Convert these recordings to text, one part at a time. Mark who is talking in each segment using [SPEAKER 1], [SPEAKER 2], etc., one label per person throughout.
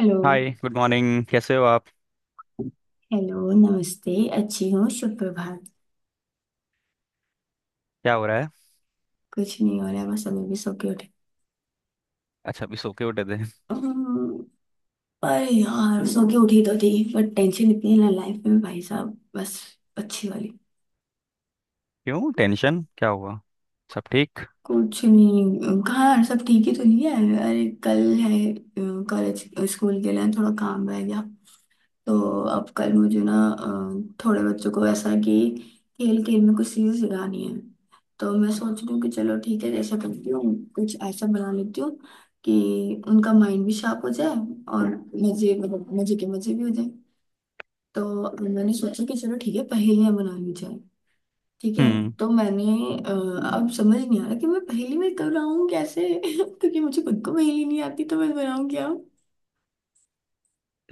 [SPEAKER 1] Hello.
[SPEAKER 2] Hi good morning, कैसे हो आप?
[SPEAKER 1] हेलो, नमस्ते। अच्छी हूँ, शुभ प्रभात।
[SPEAKER 2] क्या हो रहा है?
[SPEAKER 1] कुछ नहीं हो रहा है, बस अभी भी सो के उठी।
[SPEAKER 2] अच्छा, अभी सो के उठे थे?
[SPEAKER 1] हम्म। पर यार सो के उठी तो थी, बट टेंशन इतनी है ना लाइफ में भाई साहब, बस अच्छी वाली।
[SPEAKER 2] क्यों, टेंशन क्या हुआ? सब ठीक?
[SPEAKER 1] कुछ नहीं, कहाँ सब ठीक ही तो नहीं है। अरे कल है कॉलेज, स्कूल के लिए थोड़ा काम रह गया। तो अब कल मुझे ना थोड़े बच्चों को ऐसा कि खेल खेल में कुछ चीजें सिखानी है। तो मैं सोच रही हूँ कि चलो ठीक है जैसा करती हूँ कुछ ऐसा बना लेती हूँ कि उनका माइंड भी शार्प हो जाए, और मजे मतलब मजे के मजे भी हो जाए। तो मैंने सोचा कि चलो ठीक है पहेलियां बना ली जाए, ठीक है।
[SPEAKER 2] हम्म।
[SPEAKER 1] तो मैंने अ, अब समझ नहीं आ रहा कि मैं पहेली में कब बनाऊँ कैसे क्योंकि मुझे खुद को पहेली नहीं आती तो मैं बनाऊँ क्या।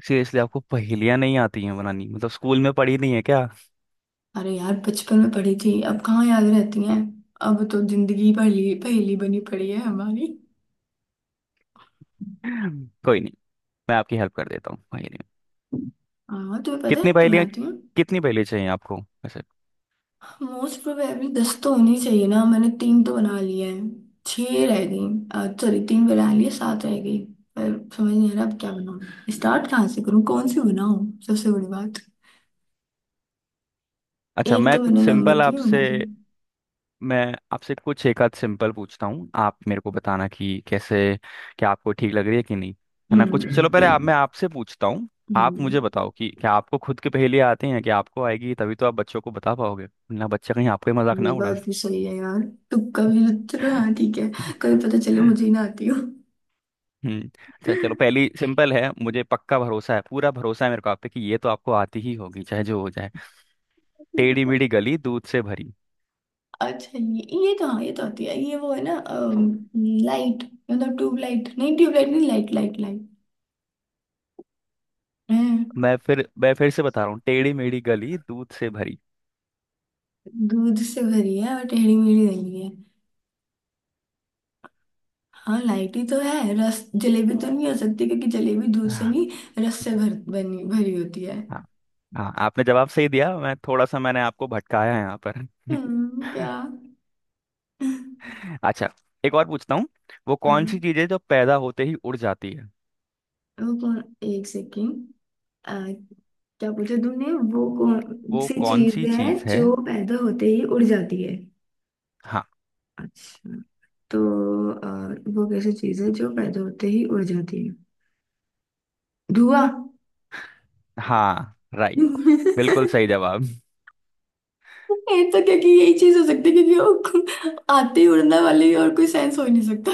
[SPEAKER 2] सीरियसली आपको पहेलियां नहीं आती हैं बनानी? मतलब स्कूल में पढ़ी नहीं है क्या?
[SPEAKER 1] अरे यार बचपन में पढ़ी थी, अब कहाँ याद रहती हैं। अब तो जिंदगी पहली पहेली बनी पड़ी है हमारी।
[SPEAKER 2] कोई नहीं, मैं आपकी हेल्प कर देता हूँ पहेली में।
[SPEAKER 1] हाँ तुम्हें पता
[SPEAKER 2] कितनी
[SPEAKER 1] है, तुम्हें
[SPEAKER 2] पहेलियां,
[SPEAKER 1] आती हूँ।
[SPEAKER 2] कितनी पहेली चाहिए आपको वैसे?
[SPEAKER 1] मोस्ट प्रोबेबली 10 तो होनी चाहिए ना, मैंने तीन तो बना लिए हैं। छह रह गई, सॉरी तीन बना लिए सात रह गई। पर समझ नहीं आ रहा अब क्या बनाऊँ, स्टार्ट कहाँ से करूँ, कौन सी बनाऊँ। सबसे बड़ी बात,
[SPEAKER 2] अच्छा,
[SPEAKER 1] एक तो मैंने नंबर की भी बना दी।
[SPEAKER 2] मैं आपसे कुछ एक आध सिंपल पूछता हूँ, आप मेरे को बताना कि कैसे, क्या आपको ठीक लग रही है कि नहीं। है ना? कुछ चलो,
[SPEAKER 1] हम्म।
[SPEAKER 2] पहले आप मैं आपसे पूछता हूँ। आप मुझे
[SPEAKER 1] हम्म।
[SPEAKER 2] बताओ कि क्या आपको खुद की पहेली आती हैं? कि आपको आएगी तभी तो आप बच्चों को बता पाओगे ना, बच्चा कहीं आपका ही मजाक
[SPEAKER 1] ये
[SPEAKER 2] ना उड़ा।
[SPEAKER 1] बात भी सही है यार। तुक्का भी, चलो हाँ ठीक है। कभी पता चले मुझे ही ना आती हो।
[SPEAKER 2] हम्म। अच्छा, चलो पहली सिंपल है, मुझे पक्का भरोसा है, पूरा भरोसा है मेरे को आप पे कि ये तो आपको आती ही होगी चाहे जो हो जाए। टेढ़ी मेढ़ी गली दूध से भरी।
[SPEAKER 1] अच्छा, ये कहाँ, ये तो आती है ये। वो है ना लाइट, मतलब ट्यूबलाइट नहीं, ट्यूबलाइट नहीं, लाइट लाइट लाइट है।
[SPEAKER 2] मैं फिर से बता रहा हूँ, टेढ़ी मेढ़ी गली दूध से भरी।
[SPEAKER 1] दूध से भरी है और टेढ़ी मेढ़ी नहीं है। हाँ लाइट ही तो है, रस जलेबी तो नहीं हो सकती क्योंकि जलेबी दूध से
[SPEAKER 2] हाँ।
[SPEAKER 1] नहीं, रस से भर बनी भरी होती है।
[SPEAKER 2] हाँ, आपने जवाब सही दिया। मैं थोड़ा सा मैंने आपको भटकाया है यहाँ पर।
[SPEAKER 1] क्या। हाँ।
[SPEAKER 2] अच्छा, एक और पूछता हूँ। वो कौन सी चीज है जो पैदा होते ही उड़ जाती है?
[SPEAKER 1] वो कौन, एक सेकेंड, क्या पूछा तुमने, वो कौन
[SPEAKER 2] वो
[SPEAKER 1] सी
[SPEAKER 2] कौन सी
[SPEAKER 1] चीज है
[SPEAKER 2] चीज है?
[SPEAKER 1] जो पैदा होते ही उड़ जाती है।
[SPEAKER 2] हाँ।
[SPEAKER 1] अच्छा, तो अ, वो कैसी चीज है जो पैदा होते ही उड़ जाती है। धुआं।
[SPEAKER 2] हाँ, राइट,
[SPEAKER 1] ये
[SPEAKER 2] बिल्कुल सही जवाब।
[SPEAKER 1] तो क्योंकि यही चीज हो सकती है क्योंकि वो आते ही उड़ने वाली और कोई सेंस हो ही नहीं सकता।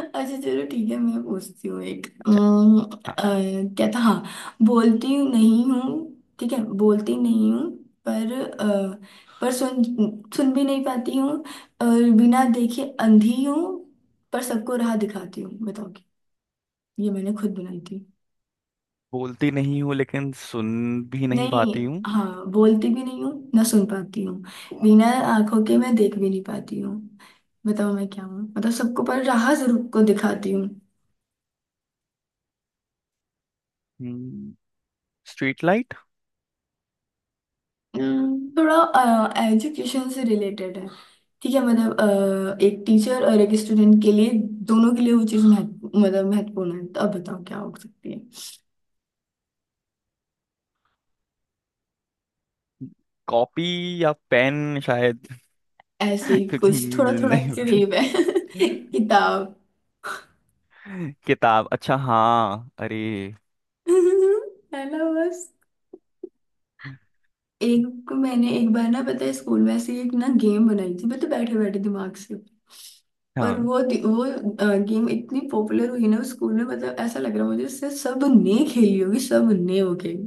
[SPEAKER 1] अच्छा चलो ठीक है, मैं पूछती हूँ एक।
[SPEAKER 2] अच्छा, हाँ।
[SPEAKER 1] क्या था, हाँ। बोलती नहीं हूँ, ठीक है बोलती नहीं हूँ, पर पर सुन, सुन भी नहीं पाती हूँ, और बिना देखे अंधी हूँ, पर सबको राह दिखाती हूँ, बताओ क्या? ये मैंने खुद बनाई।
[SPEAKER 2] बोलती नहीं हूँ लेकिन सुन भी नहीं
[SPEAKER 1] नहीं,
[SPEAKER 2] पाती हूँ।
[SPEAKER 1] हाँ बोलती भी नहीं हूँ ना सुन पाती हूँ, बिना आंखों के मैं देख भी नहीं पाती हूँ, बताओ मैं क्या हूँ, मतलब सबको पर राह जरूर को दिखाती हूँ।
[SPEAKER 2] हम्म, स्ट्रीट लाइट।
[SPEAKER 1] थोड़ा एजुकेशन से रिलेटेड है, ठीक है मतलब एक टीचर और एक स्टूडेंट के लिए दोनों के लिए वो चीज़ महत्व मतलब महत्वपूर्ण है। तो अब बताओ क्या हो सकती है।
[SPEAKER 2] कॉपी या पेन शायद।
[SPEAKER 1] ऐसे ही
[SPEAKER 2] क्योंकि
[SPEAKER 1] कुछ, थोड़ा
[SPEAKER 2] मुझे
[SPEAKER 1] थोड़ा
[SPEAKER 2] नहीं पता।
[SPEAKER 1] करीब है किताब।
[SPEAKER 2] किताब? अच्छा हाँ, अरे
[SPEAKER 1] है ना बस। एक मैंने एक बार ना पता है स्कूल में ऐसे एक ना गेम बनाई थी, मतलब बैठे बैठे दिमाग से। पर
[SPEAKER 2] हाँ।
[SPEAKER 1] वो गेम इतनी पॉपुलर हुई ना उस स्कूल में, मतलब ऐसा लग रहा मुझे इससे सबने खेली होगी, सबने वो गेम।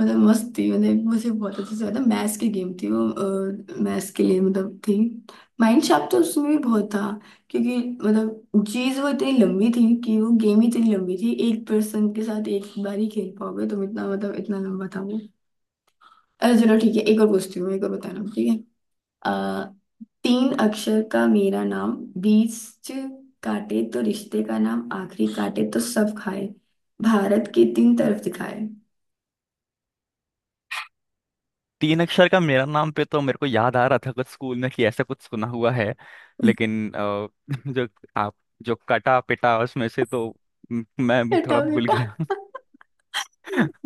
[SPEAKER 1] मतलब मस्त थी, मतलब मुझे बहुत अच्छे से याद है, मैथ्स की गेम थी वो, मैथ्स के लिए मतलब थी। माइंड शार्प तो उसमें भी बहुत था, क्योंकि मतलब चीज़ वो इतनी लंबी थी कि वो गेम ही इतनी लंबी थी, एक पर्सन के साथ एक बार ही खेल पाओगे तुम, इतना मतलब इतना लंबा था वो। अरे चलो ठीक है, एक और पूछती हूँ, एक और बताना ठीक है। आ, तीन अक्षर का मेरा नाम, बीच काटे तो रिश्ते का नाम, आखिरी काटे तो सब खाए, भारत के तीन तरफ दिखाए।
[SPEAKER 2] तीन अक्षर का मेरा नाम पे तो मेरे को याद आ रहा था कुछ स्कूल में कि ऐसा कुछ सुना हुआ है, लेकिन जो आप जो कटा पिटा उसमें से तो मैं
[SPEAKER 1] बेटा
[SPEAKER 2] थोड़ा भूल
[SPEAKER 1] बेटा,
[SPEAKER 2] गया।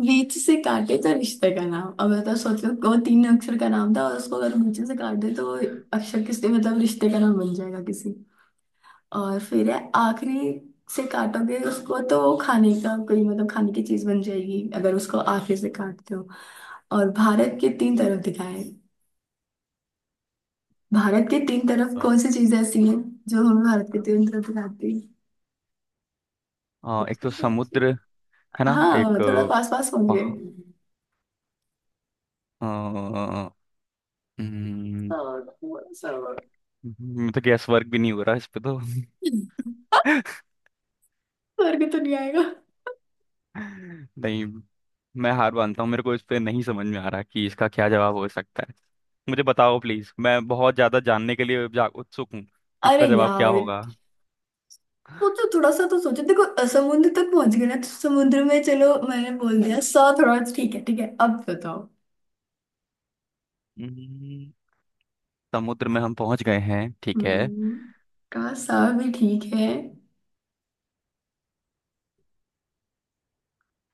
[SPEAKER 1] बीच से काटे तो रिश्ते का नाम, अब बताओ सोचो, वो तीन अक्षर का नाम था और उसको अगर बीच से काट दे तो वो अक्षर किसके मतलब रिश्ते का नाम बन जाएगा किसी। और फिर है आखिरी से काटोगे उसको तो वो खाने का कोई मतलब खाने की चीज बन जाएगी, अगर उसको आखिर से काटते हो। और भारत के तीन तरफ दिखाए हैं। भारत के तीन तरफ
[SPEAKER 2] अ,
[SPEAKER 1] कौन सी चीज ऐसी है जो हम भारत के तीन तरफ दिखाती है,
[SPEAKER 2] एक
[SPEAKER 1] अच्छे
[SPEAKER 2] तो
[SPEAKER 1] से अच्छे।
[SPEAKER 2] समुद्र है ना,
[SPEAKER 1] हाँ
[SPEAKER 2] एक
[SPEAKER 1] थोड़ा
[SPEAKER 2] अ,
[SPEAKER 1] पास पास पहुंच गए,
[SPEAKER 2] पहा- अ, हम्म,
[SPEAKER 1] और थोड़ा सा और।
[SPEAKER 2] तो गैस वर्क भी नहीं हो रहा इस पे तो।
[SPEAKER 1] और के तो नहीं आएगा।
[SPEAKER 2] नहीं, मैं हार मानता हूँ, मेरे को इस पे नहीं समझ में आ रहा कि इसका क्या जवाब हो सकता है। मुझे बताओ प्लीज, मैं बहुत ज्यादा जानने के लिए जा उत्सुक हूँ कि
[SPEAKER 1] अरे
[SPEAKER 2] इसका जवाब क्या
[SPEAKER 1] यार,
[SPEAKER 2] होगा।
[SPEAKER 1] तो थोड़ा सा तो सोचो, देखो समुद्र तक पहुंच गए ना, तो समुद्र में चलो मैंने बोल दिया सा, थोड़ा ठीक है, ठीक है अब बताओ।
[SPEAKER 2] हम्म, समुद्र में हम पहुंच गए हैं, ठीक है।
[SPEAKER 1] हम्म। का, सा भी ठीक है,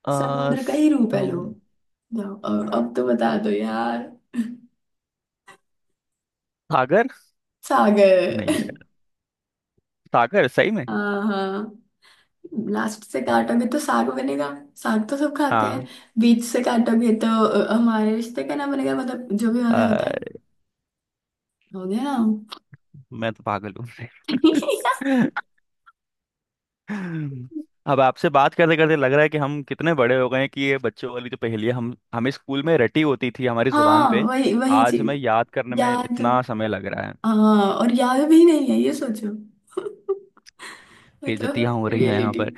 [SPEAKER 2] आ,
[SPEAKER 1] समुद्र का ही रूप है, लो
[SPEAKER 2] सम,
[SPEAKER 1] जाओ अब तो बता दो यार।
[SPEAKER 2] सागर
[SPEAKER 1] सागर।
[SPEAKER 2] नहीं है? सागर सही में?
[SPEAKER 1] हाँ हाँ, लास्ट से काटोगे तो साग बनेगा, साग तो सब खाते हैं।
[SPEAKER 2] हाँ।
[SPEAKER 1] बीच से काटोगे तो हमारे रिश्ते का ना बनेगा, मतलब जो भी
[SPEAKER 2] अ,
[SPEAKER 1] मजा होता है, हो गया ना।
[SPEAKER 2] मैं तो पागल हूँ। अब आपसे बात करते करते लग रहा है कि हम कितने बड़े हो गए हैं कि ये बच्चों वाली जो पहेलियां हम हमें स्कूल में रटी होती थी हमारी जुबान
[SPEAKER 1] हाँ,
[SPEAKER 2] पे,
[SPEAKER 1] वही वही
[SPEAKER 2] आज हमें
[SPEAKER 1] चीज,
[SPEAKER 2] याद करने में
[SPEAKER 1] याद।
[SPEAKER 2] इतना समय लग रहा है।
[SPEAKER 1] हाँ और याद भी नहीं है ये सोचो।
[SPEAKER 2] बेइज्जतियां
[SPEAKER 1] मतलब
[SPEAKER 2] हो रही हैं यहाँ
[SPEAKER 1] रियलिटी।
[SPEAKER 2] पर।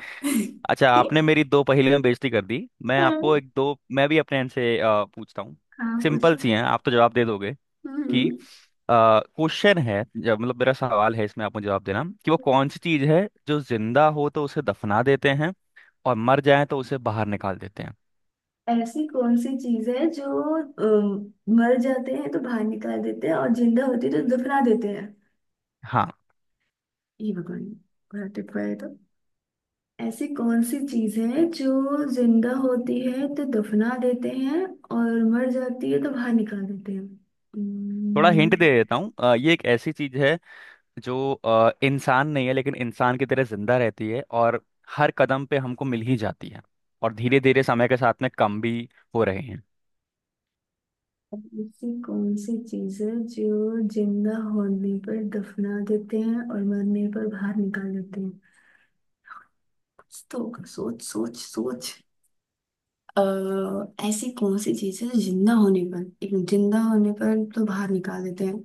[SPEAKER 2] अच्छा, आपने मेरी दो पहेलियां बेइज्जती कर दी, मैं
[SPEAKER 1] हाँ।
[SPEAKER 2] आपको एक दो, मैं भी अपने इनसे पूछता हूँ।
[SPEAKER 1] हाँ
[SPEAKER 2] सिंपल
[SPEAKER 1] पूछो।
[SPEAKER 2] सी हैं, आप तो जवाब दे दोगे कि,
[SPEAKER 1] हम्म।
[SPEAKER 2] क्वेश्चन है जब, मतलब मेरा सवाल है, इसमें आप मुझे जवाब देना कि वो कौन सी चीज है जो जिंदा हो तो उसे दफना देते हैं और मर जाए तो उसे बाहर निकाल देते हैं।
[SPEAKER 1] ऐसी कौन सी चीज है जो अम, मर जाते हैं तो बाहर निकाल देते हैं और जिंदा होती है तो दफना देते हैं।
[SPEAKER 2] हाँ,
[SPEAKER 1] ये भगवान, ग्रैटिफाई तो, ऐसी कौन सी चीज है जो जिंदा होती है तो दफना देते हैं और मर जाती है तो बाहर निकाल देते हैं।
[SPEAKER 2] थोड़ा हिंट
[SPEAKER 1] Hmm।
[SPEAKER 2] दे देता हूँ। ये एक ऐसी चीज है जो इंसान नहीं है, लेकिन इंसान की तरह जिंदा रहती है और हर कदम पे हमको मिल ही जाती है, और धीरे धीरे समय के साथ में कम भी हो रहे हैं।
[SPEAKER 1] ऐसी कौन सी चीज है जो जिंदा होने पर दफना देते हैं और मरने पर बाहर निकाल देते हैं, कुछ तो होगा, सोच सोच सोच। अः ऐसी कौन सी चीज है जो जिंदा होने पर, एक मिनट, जिंदा होने पर तो बाहर निकाल देते हैं।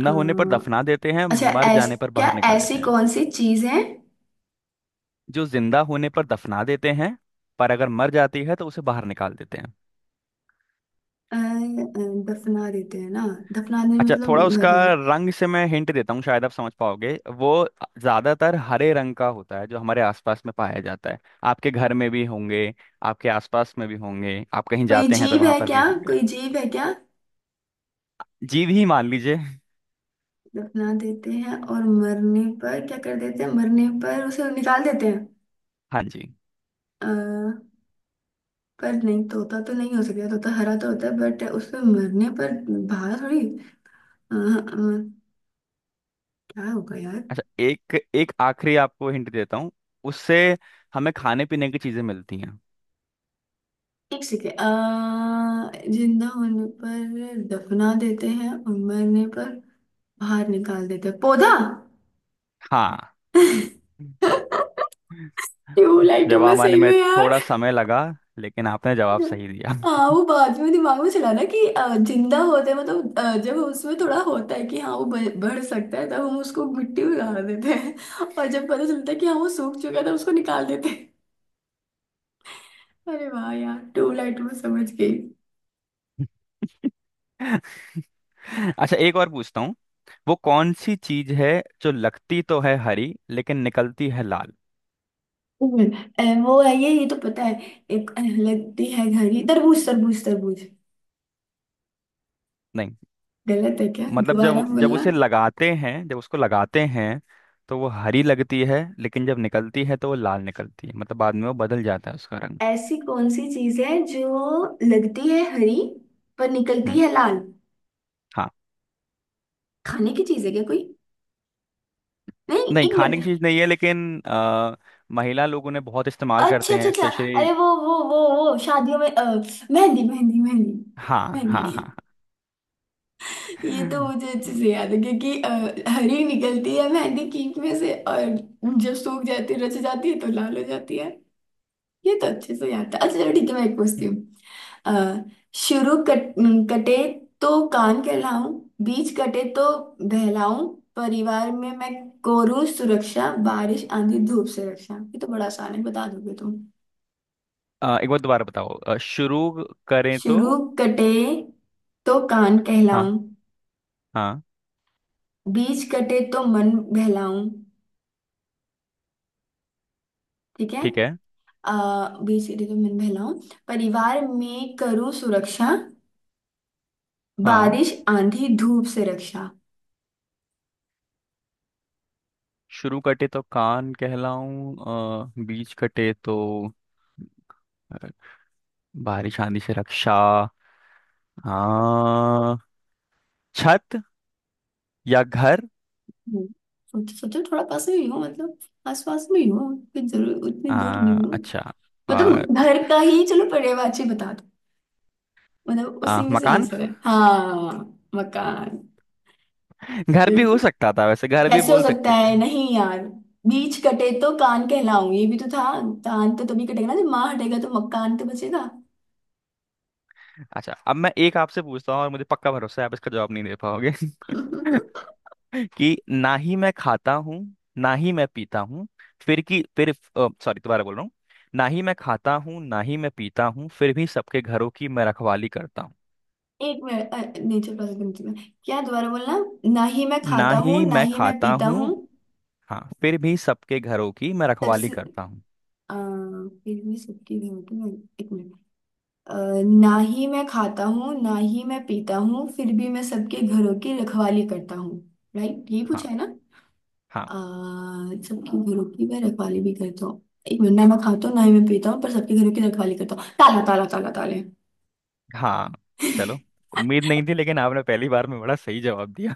[SPEAKER 1] अ,
[SPEAKER 2] होने पर दफना देते हैं,
[SPEAKER 1] अच्छा,
[SPEAKER 2] मर जाने पर
[SPEAKER 1] क्या,
[SPEAKER 2] बाहर निकाल देते
[SPEAKER 1] ऐसी
[SPEAKER 2] हैं।
[SPEAKER 1] कौन सी चीज है,
[SPEAKER 2] जो जिंदा होने पर दफना देते हैं, पर अगर मर जाती है तो उसे बाहर निकाल देते हैं।
[SPEAKER 1] अ, अ, दफना देते हैं ना, दफनाने
[SPEAKER 2] अच्छा,
[SPEAKER 1] मतलब
[SPEAKER 2] थोड़ा उसका
[SPEAKER 1] मदन।
[SPEAKER 2] रंग से मैं हिंट देता हूँ, शायद आप समझ पाओगे। वो ज्यादातर हरे रंग का होता है जो हमारे आसपास में पाया जाता है। आपके घर में भी होंगे, आपके आसपास में भी होंगे, आप कहीं
[SPEAKER 1] कोई
[SPEAKER 2] जाते हैं तो
[SPEAKER 1] जीव
[SPEAKER 2] वहां
[SPEAKER 1] है
[SPEAKER 2] पर भी
[SPEAKER 1] क्या,
[SPEAKER 2] होंगे।
[SPEAKER 1] कोई जीव है क्या।
[SPEAKER 2] जीव ही मान लीजिए।
[SPEAKER 1] दफना देते हैं और मरने पर क्या कर देते हैं, मरने पर उसे निकाल देते हैं।
[SPEAKER 2] हाँ जी।
[SPEAKER 1] अ, पर नहीं तोता तो नहीं हो सकता, तोता हरा तो होता है, बट उसमें मरने पर बाहर थोड़ी, अ, अ, क्या होगा यार।
[SPEAKER 2] अच्छा, एक एक आखिरी आपको हिंट देता हूँ, उससे हमें खाने पीने की चीजें मिलती हैं।
[SPEAKER 1] एक सेकेंड, जिंदा होने पर दफना देते हैं और मरने पर बाहर निकाल देते हैं,
[SPEAKER 2] हाँ।
[SPEAKER 1] पौधा। ट्यूबलाइटों में
[SPEAKER 2] जवाब आने
[SPEAKER 1] सही
[SPEAKER 2] में
[SPEAKER 1] में यार।
[SPEAKER 2] थोड़ा समय लगा, लेकिन आपने जवाब सही दिया।
[SPEAKER 1] हाँ वो बाद में दिमाग में चला ना कि जिंदा होते मतलब जब उसमें थोड़ा होता है कि हाँ वो बढ़ बढ़ सकता है तब हम उसको मिट्टी में गाड़ देते हैं। और जब पता चलता है कि हाँ वो सूख चुका है तब उसको निकाल देते हैं। अरे वाह यार, ट्यूबलाइट में समझ गई।
[SPEAKER 2] अच्छा, एक और पूछता हूँ। वो कौन सी चीज है जो लगती तो है हरी लेकिन निकलती है लाल?
[SPEAKER 1] हम्म। वो है ये तो पता है, एक लगती है घड़ी, तरबूज तरबूज तरबूज।
[SPEAKER 2] नहीं,
[SPEAKER 1] गलत है क्या,
[SPEAKER 2] मतलब
[SPEAKER 1] दोबारा
[SPEAKER 2] जब जब
[SPEAKER 1] बोलना।
[SPEAKER 2] उसे लगाते हैं, जब उसको लगाते हैं, तो वो हरी लगती है लेकिन जब निकलती है तो वो लाल निकलती है। मतलब बाद में वो बदल जाता है उसका रंग।
[SPEAKER 1] ऐसी कौन सी चीज है जो लगती है हरी पर निकलती
[SPEAKER 2] हम्म।
[SPEAKER 1] है लाल।
[SPEAKER 2] हाँ।
[SPEAKER 1] खाने की चीज है क्या कोई, नहीं
[SPEAKER 2] नहीं,
[SPEAKER 1] एक
[SPEAKER 2] खाने की
[SPEAKER 1] मिनट।
[SPEAKER 2] चीज नहीं है, लेकिन महिला लोग उन्हें बहुत इस्तेमाल करते
[SPEAKER 1] अच्छा अच्छा
[SPEAKER 2] हैं
[SPEAKER 1] अच्छा,
[SPEAKER 2] स्पेशली।
[SPEAKER 1] अरे वो शादियों में मेहंदी मेहंदी मेहंदी।
[SPEAKER 2] हाँ।
[SPEAKER 1] मेहंदी,
[SPEAKER 2] हाँ हाँ
[SPEAKER 1] ये तो
[SPEAKER 2] हाँ।
[SPEAKER 1] मुझे अच्छे से याद है क्योंकि हरी निकलती है मेहंदी कीक में से, और जब सूख जाती है रच जाती है तो लाल हो जाती है। ये तो अच्छे से याद था। अच्छा चलो ठीक है, मैं एक पूछती हूँ। अ, शुरू कट, कटे तो कान कहलाऊं, बीच कटे तो बहलाऊं, परिवार में मैं कोरूं सुरक्षा, बारिश आंधी धूप से रक्षा, ये तो बड़ा आसान है बता दोगे तुम।
[SPEAKER 2] एक बार दोबारा बताओ। शुरू करें तो?
[SPEAKER 1] शुरू कटे तो कान
[SPEAKER 2] हाँ।
[SPEAKER 1] कहलाऊं,
[SPEAKER 2] हाँ,
[SPEAKER 1] बीच कटे तो मन बहलाऊं, ठीक है।
[SPEAKER 2] ठीक है।
[SPEAKER 1] आ, बीच कटे तो मन बहलाऊं, परिवार में करूं सुरक्षा,
[SPEAKER 2] हाँ,
[SPEAKER 1] बारिश आंधी धूप से रक्षा।
[SPEAKER 2] शुरू कटे तो कान कहलाऊं, बीच कटे तो, अ, बारिश आंधी से रक्षा। आ, छत या घर?
[SPEAKER 1] हम्म। सोचो सोचो, थोड़ा पास में ही हो, मतलब आस पास में ही हो, उतनी जरूर उतनी दूर नहीं
[SPEAKER 2] आ,
[SPEAKER 1] हो।
[SPEAKER 2] अच्छा आ,
[SPEAKER 1] मतलब घर का ही चलो पर्यायवाची बता दो, मतलब
[SPEAKER 2] आ,
[SPEAKER 1] उसी में से
[SPEAKER 2] मकान।
[SPEAKER 1] आंसर है हाँ। मकान।
[SPEAKER 2] घर भी हो
[SPEAKER 1] क्योंकि,
[SPEAKER 2] सकता था वैसे, घर भी
[SPEAKER 1] कैसे हो
[SPEAKER 2] बोल
[SPEAKER 1] सकता
[SPEAKER 2] सकते थे।
[SPEAKER 1] है नहीं यार, बीच कटे तो कान कहलाऊं ये भी तो था, कान तो तभी कटेगा ना जब माँ हटेगा तो मकान तो बचेगा।
[SPEAKER 2] अच्छा, अब मैं एक आपसे पूछता हूँ, और मुझे पक्का भरोसा है आप इसका जवाब नहीं दे पाओगे। कि ना ही मैं खाता हूँ, ना ही मैं पीता हूँ, फिर की फिर सॉरी, दोबारा बोल रहा हूँ। ना ही मैं खाता हूँ, ना ही मैं पीता हूँ, फिर भी सबके घरों की मैं रखवाली करता हूँ।
[SPEAKER 1] एक मिनट, नहीं चलो पास में। नहीं। क्या, दोबारा बोलना। ना ही मैं
[SPEAKER 2] ना
[SPEAKER 1] खाता हूँ
[SPEAKER 2] ही
[SPEAKER 1] ना
[SPEAKER 2] मैं
[SPEAKER 1] ही मैं
[SPEAKER 2] खाता
[SPEAKER 1] पीता
[SPEAKER 2] हूँ,
[SPEAKER 1] हूँ,
[SPEAKER 2] हाँ, फिर भी सबके घरों की मैं रखवाली
[SPEAKER 1] सबसे,
[SPEAKER 2] करता हूँ।
[SPEAKER 1] फिर भी सबकी नहीं होती मैं, एक मिनट। अ, ना ही मैं खाता हूँ ना ही मैं पीता हूँ फिर भी मैं सबके घरों की रखवाली करता हूँ, राइट यही
[SPEAKER 2] हाँ।
[SPEAKER 1] पूछा है ना।
[SPEAKER 2] हाँ।
[SPEAKER 1] अ, सबके घरों की मैं रखवाली भी करता हूँ, एक मिनट, ना मैं खाता हूँ ना ही मैं पीता हूँ पर सबके घरों की रखवाली करता हूँ, ताला ताला ताला ताले।
[SPEAKER 2] हाँ, चलो। उम्मीद नहीं थी, लेकिन आपने पहली बार में बड़ा सही जवाब दिया।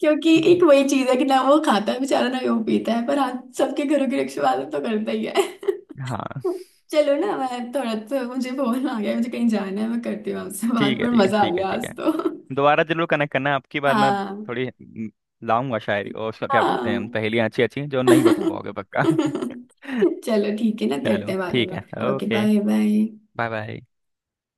[SPEAKER 1] क्योंकि एक
[SPEAKER 2] हम्म,
[SPEAKER 1] वही चीज है कि ना वो खाता है बेचारा ना वो पीता है, पर हाँ सबके घरों की रखवाली तो करता ही है।
[SPEAKER 2] हाँ,
[SPEAKER 1] चलो ना मैं थोड़ा, तो मुझे फोन आ गया, मुझे कहीं जाना है, मैं करती हूँ आपसे
[SPEAKER 2] ठीक
[SPEAKER 1] बात,
[SPEAKER 2] है
[SPEAKER 1] पर
[SPEAKER 2] ठीक है
[SPEAKER 1] मजा आ
[SPEAKER 2] ठीक है
[SPEAKER 1] गया
[SPEAKER 2] ठीक
[SPEAKER 1] आज
[SPEAKER 2] है।
[SPEAKER 1] तो।
[SPEAKER 2] दोबारा जरूर कनेक्ट करना, आपकी बार मैं
[SPEAKER 1] हाँ।
[SPEAKER 2] थोड़ी लाऊंगा शायरी और उसका क्या बोलते हैं हम,
[SPEAKER 1] हाँ।
[SPEAKER 2] पहेलियाँ अच्छी अच्छी जो नहीं बता पाओगे पक्का।
[SPEAKER 1] चलो ठीक है ना, करते
[SPEAKER 2] चलो
[SPEAKER 1] हैं बाद
[SPEAKER 2] ठीक
[SPEAKER 1] में,
[SPEAKER 2] है।
[SPEAKER 1] Okay
[SPEAKER 2] okay,
[SPEAKER 1] bye bye.
[SPEAKER 2] Bye bye.